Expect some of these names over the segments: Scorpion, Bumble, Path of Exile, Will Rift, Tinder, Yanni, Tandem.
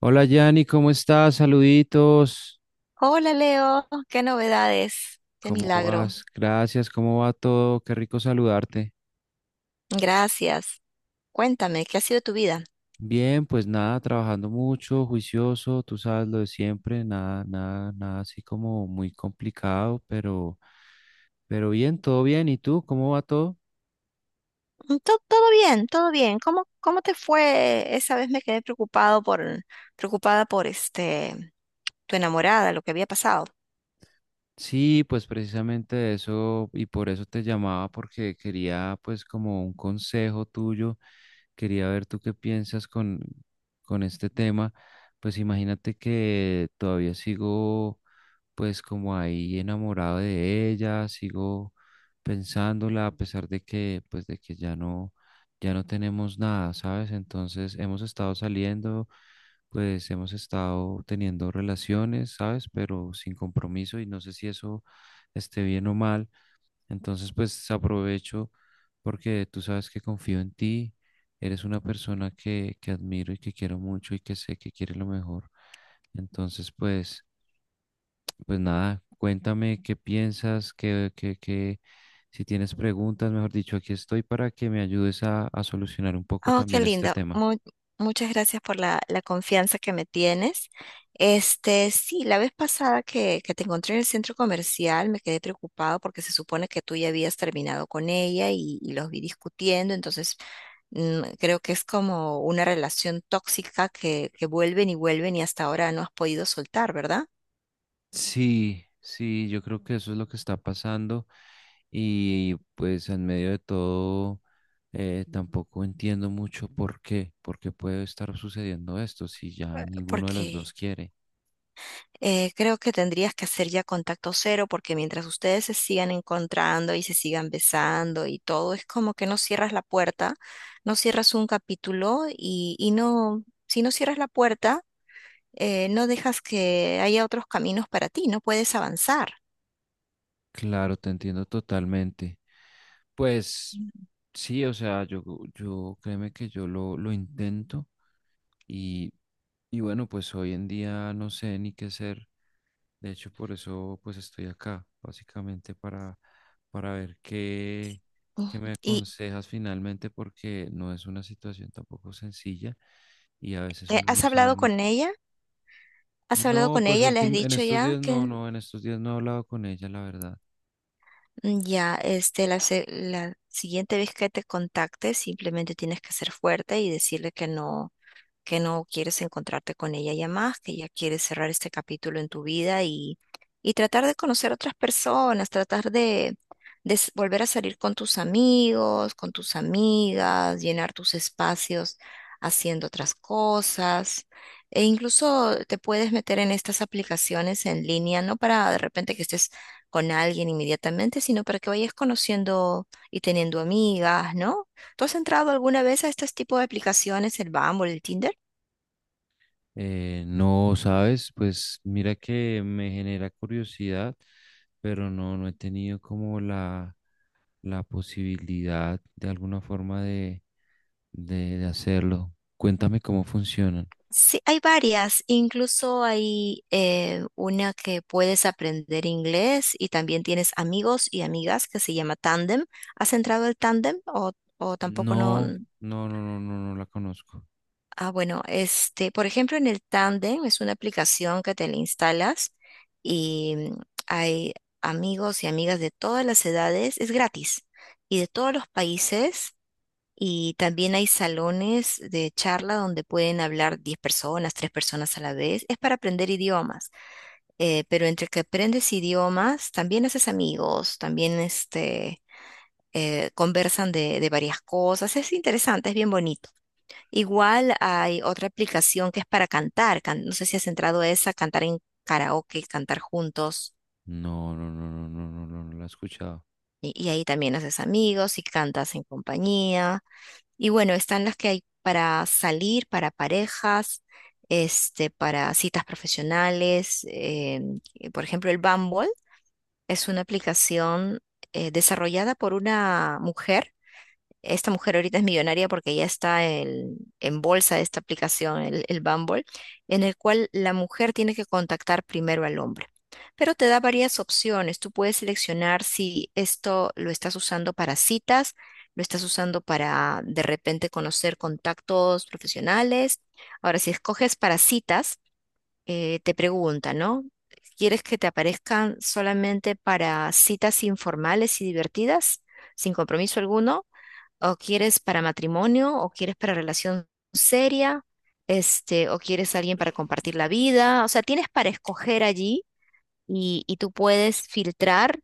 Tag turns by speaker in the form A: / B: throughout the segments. A: Hola Yanni, ¿cómo estás? Saluditos.
B: Hola Leo, qué novedades, qué
A: ¿Cómo
B: milagro.
A: vas? Gracias, ¿cómo va todo? Qué rico saludarte.
B: Gracias. Cuéntame, ¿qué ha sido tu vida?
A: Bien, pues nada, trabajando mucho, juicioso, tú sabes lo de siempre, nada, nada, nada así como muy complicado, pero bien, todo bien. ¿Y tú? ¿Cómo va todo?
B: Todo bien, todo bien. ¿Cómo te fue? Esa vez me quedé preocupado por, preocupada por tu enamorada, lo que había pasado.
A: Sí, pues precisamente eso, y por eso te llamaba, porque quería pues como un consejo tuyo, quería ver tú qué piensas con este tema. Pues imagínate que todavía sigo pues como ahí enamorado de ella, sigo pensándola a pesar de que pues de que ya no ya no tenemos nada, ¿sabes? Entonces hemos estado saliendo, pues hemos estado teniendo relaciones, ¿sabes? Pero sin compromiso y no sé si eso esté bien o mal. Entonces pues aprovecho porque tú sabes que confío en ti. Eres una persona que admiro y que quiero mucho y que sé que quiere lo mejor. Entonces, pues, pues nada, cuéntame qué piensas, si tienes preguntas, mejor dicho, aquí estoy para que me ayudes a solucionar un poco
B: Oh, qué
A: también este
B: lindo.
A: tema.
B: Muchas gracias por la confianza que me tienes. Este, sí, la vez pasada que te encontré en el centro comercial me quedé preocupado porque se supone que tú ya habías terminado con ella y los vi discutiendo, entonces creo que es como una relación tóxica que vuelven y vuelven y hasta ahora no has podido soltar, ¿verdad?
A: Sí, sí, yo creo que eso es lo que está pasando y pues en medio de todo tampoco entiendo mucho por qué puede estar sucediendo esto si ya ninguno de los
B: Porque
A: dos quiere.
B: Creo que tendrías que hacer ya contacto cero porque mientras ustedes se sigan encontrando y se sigan besando y todo, es como que no cierras la puerta, no cierras un capítulo y no, si no cierras la puerta, no dejas que haya otros caminos para ti, no puedes avanzar.
A: Claro, te entiendo totalmente. Pues
B: Mm.
A: sí, o sea, yo créeme que yo lo intento. Y, y bueno, pues hoy en día no sé ni qué hacer. De hecho, por eso pues estoy acá, básicamente para ver qué me
B: ¿Y
A: aconsejas finalmente, porque no es una situación tampoco sencilla y a veces uno
B: has
A: no sabe
B: hablado
A: ni
B: con
A: qué.
B: ella? ¿Has hablado
A: No,
B: con
A: pues
B: ella? ¿Le has
A: último, en
B: dicho
A: estos
B: ya
A: días no,
B: que
A: no, en estos días no he hablado con ella, la verdad.
B: Ya, la siguiente vez que te contacte, simplemente tienes que ser fuerte y decirle que no, que no quieres encontrarte con ella ya más, que ya quieres cerrar este capítulo en tu vida y tratar de conocer otras personas, tratar de, volver a salir con tus amigos, con tus amigas, llenar tus espacios haciendo otras cosas. E incluso te puedes meter en estas aplicaciones en línea, no para de repente que estés con alguien inmediatamente, sino para que vayas conociendo y teniendo amigas, ¿no? ¿Tú has entrado alguna vez a este tipo de aplicaciones, el Bumble, el Tinder?
A: No, sabes, pues mira que me genera curiosidad, pero no, no he tenido como la posibilidad de alguna forma de hacerlo. Cuéntame cómo funcionan.
B: Sí, hay varias, incluso hay una que puedes aprender inglés y también tienes amigos y amigas que se llama Tandem. ¿Has entrado al Tandem o tampoco no?
A: No, no, no, no, no, no la conozco.
B: Ah, bueno, este, por ejemplo, en el Tandem es una aplicación que te la instalas y hay amigos y amigas de todas las edades, es gratis y de todos los países y también hay salones de charla donde pueden hablar 10 personas, 3 personas a la vez. Es para aprender idiomas. Pero entre que aprendes idiomas, también haces amigos, también conversan de varias cosas. Es interesante, es bien bonito. Igual hay otra aplicación que es para cantar. No sé si has entrado a esa, cantar en karaoke, cantar juntos.
A: No, no, no, no, no, no, no, no la he escuchado.
B: Y ahí también haces amigos y cantas en compañía. Y bueno, están las que hay para salir, para parejas, este, para citas profesionales. Por ejemplo, el Bumble es una aplicación desarrollada por una mujer. Esta mujer ahorita es millonaria porque ya está en bolsa esta aplicación, el Bumble, en el cual la mujer tiene que contactar primero al hombre. Pero te da varias opciones. Tú puedes seleccionar si esto lo estás usando para citas, lo estás usando para de repente conocer contactos profesionales. Ahora, si escoges para citas, te pregunta, ¿no? ¿Quieres que te aparezcan solamente para citas informales y divertidas, sin compromiso alguno? ¿O quieres para matrimonio, o quieres para relación seria, este, o quieres alguien para compartir la vida? O sea, tienes para escoger allí y tú puedes filtrar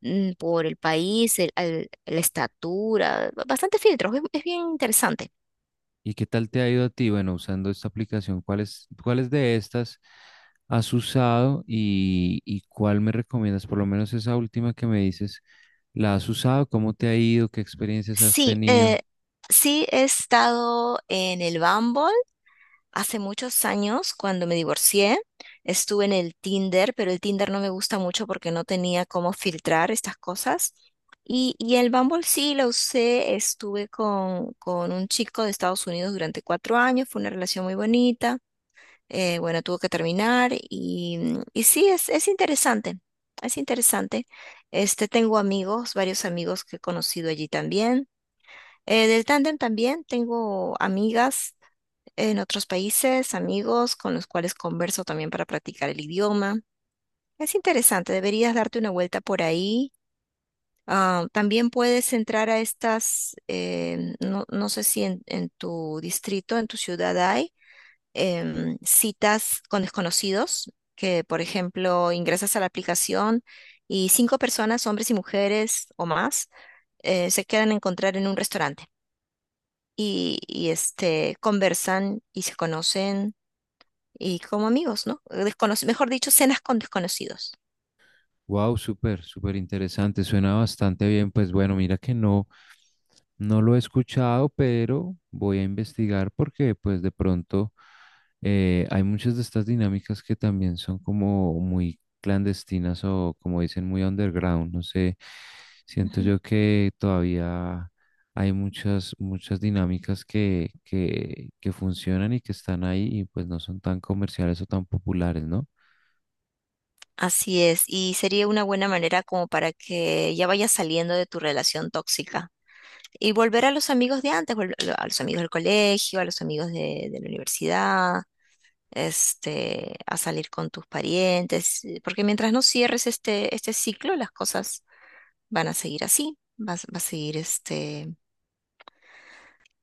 B: por el país, la estatura, bastante filtros, es bien interesante.
A: ¿Y qué tal te ha ido a ti? Bueno, usando esta aplicación, ¿cuáles, cuáles de estas has usado y cuál me recomiendas? Por lo menos esa última que me dices, ¿la has usado? ¿Cómo te ha ido? ¿Qué experiencias has
B: Sí,
A: tenido?
B: sí he estado en el Bumble. Hace muchos años, cuando me divorcié, estuve en el Tinder, pero el Tinder no me gusta mucho porque no tenía cómo filtrar estas cosas. Y el Bumble sí lo usé, estuve con un chico de Estados Unidos durante 4 años, fue una relación muy bonita, bueno, tuvo que terminar y, y sí, es interesante, es interesante. Este, tengo amigos, varios amigos que he conocido allí también. Del tándem también tengo amigas en otros países, amigos con los cuales converso también para practicar el idioma. Es interesante, deberías darte una vuelta por ahí. Ah, también puedes entrar a estas, no, no sé si en tu distrito, en tu ciudad hay citas con desconocidos, que por ejemplo ingresas a la aplicación y 5 personas, hombres y mujeres o más, se quedan a encontrar en un restaurante y, este, conversan y se conocen y como amigos, ¿no? Mejor dicho, cenas con desconocidos.
A: Wow, súper, súper interesante. Suena bastante bien. Pues bueno, mira que no. No lo he escuchado, pero voy a investigar porque pues de pronto hay muchas de estas dinámicas que también son como muy clandestinas o como dicen muy underground. No sé, siento
B: Ujú.
A: yo que todavía hay muchas, muchas dinámicas que funcionan y que están ahí y pues no son tan comerciales o tan populares, ¿no?
B: Así es, y sería una buena manera como para que ya vayas saliendo de tu relación tóxica y volver a los amigos de antes, volver a los amigos del colegio, a los amigos de la universidad, este, a salir con tus parientes, porque mientras no cierres este, este ciclo, las cosas van a seguir así, vas, va a seguir este,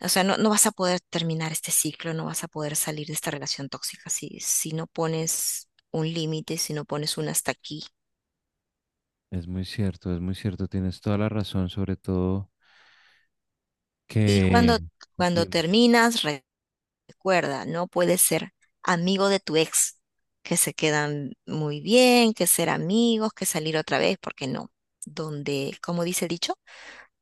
B: o sea, no, no vas a poder terminar este ciclo, no vas a poder salir de esta relación tóxica si, si no pones un límite, si no pones un hasta aquí.
A: Es muy cierto, tienes toda la razón, sobre todo
B: Y
A: que.
B: cuando, cuando
A: Dime.
B: terminas, recuerda, no puedes ser amigo de tu ex, que se quedan muy bien, que ser amigos, que salir otra vez, porque no. Donde, como dice el dicho,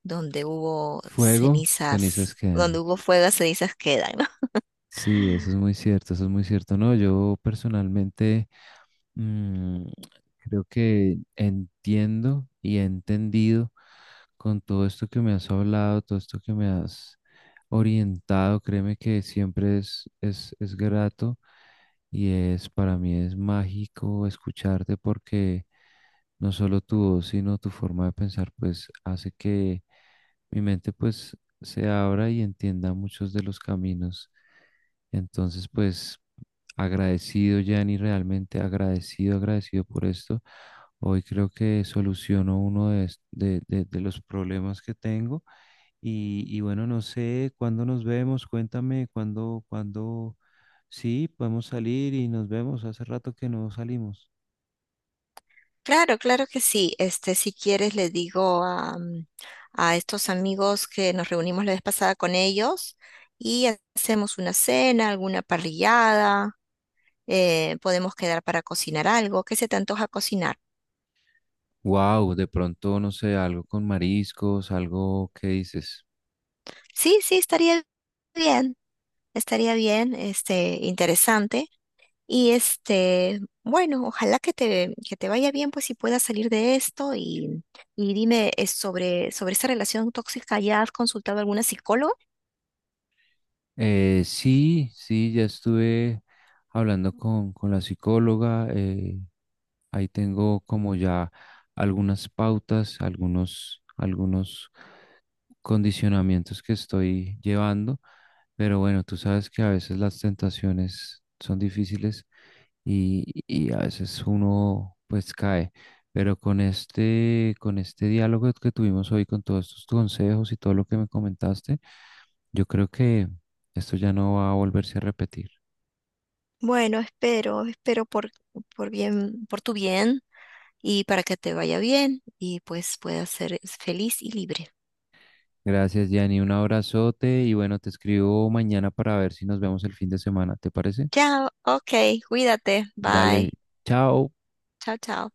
B: donde hubo
A: Fuego, cenizas
B: cenizas, donde
A: quedan.
B: hubo fuego, cenizas quedan.
A: Sí, eso es muy cierto, eso es muy cierto. No, yo personalmente, mm, creo que entiendo y he entendido con todo esto que me has hablado, todo esto que me has orientado. Créeme que siempre es grato y es para mí es mágico escucharte porque no solo tu voz, sino tu forma de pensar, pues hace que mi mente pues se abra y entienda muchos de los caminos. Entonces, pues agradecido, Yanni, realmente agradecido, agradecido por esto. Hoy creo que soluciono uno de, de los problemas que tengo. Y bueno, no sé cuándo nos vemos, cuéntame sí, podemos salir y nos vemos. Hace rato que no salimos.
B: Claro, claro que sí. Este, si quieres, le digo a, a estos amigos que nos reunimos la vez pasada con ellos y hacemos una cena, alguna parrillada, podemos quedar para cocinar algo. ¿Qué se te antoja cocinar?
A: Wow, de pronto, no sé, algo con mariscos, algo, ¿qué dices?
B: Sí, sí, bien, estaría bien, este, interesante. Y este, bueno, ojalá que te vaya bien, pues, y puedas salir de esto. Y dime, sobre, sobre esa relación tóxica, ¿ya has consultado a alguna psicóloga?
A: Sí, sí, ya estuve hablando con la psicóloga. Ahí tengo como ya algunas pautas, algunos condicionamientos que estoy llevando, pero bueno, tú sabes que a veces las tentaciones son difíciles y a veces uno pues cae, pero con este diálogo que tuvimos hoy, con todos estos consejos y todo lo que me comentaste, yo creo que esto ya no va a volverse a repetir.
B: Bueno, espero, espero por bien, por tu bien y para que te vaya bien y pues puedas ser feliz y libre.
A: Gracias, Yanni. Un abrazote y bueno, te escribo mañana para ver si nos vemos el fin de semana. ¿Te parece?
B: Chao, ok, cuídate, bye,
A: Dale, chao.
B: chao, chao.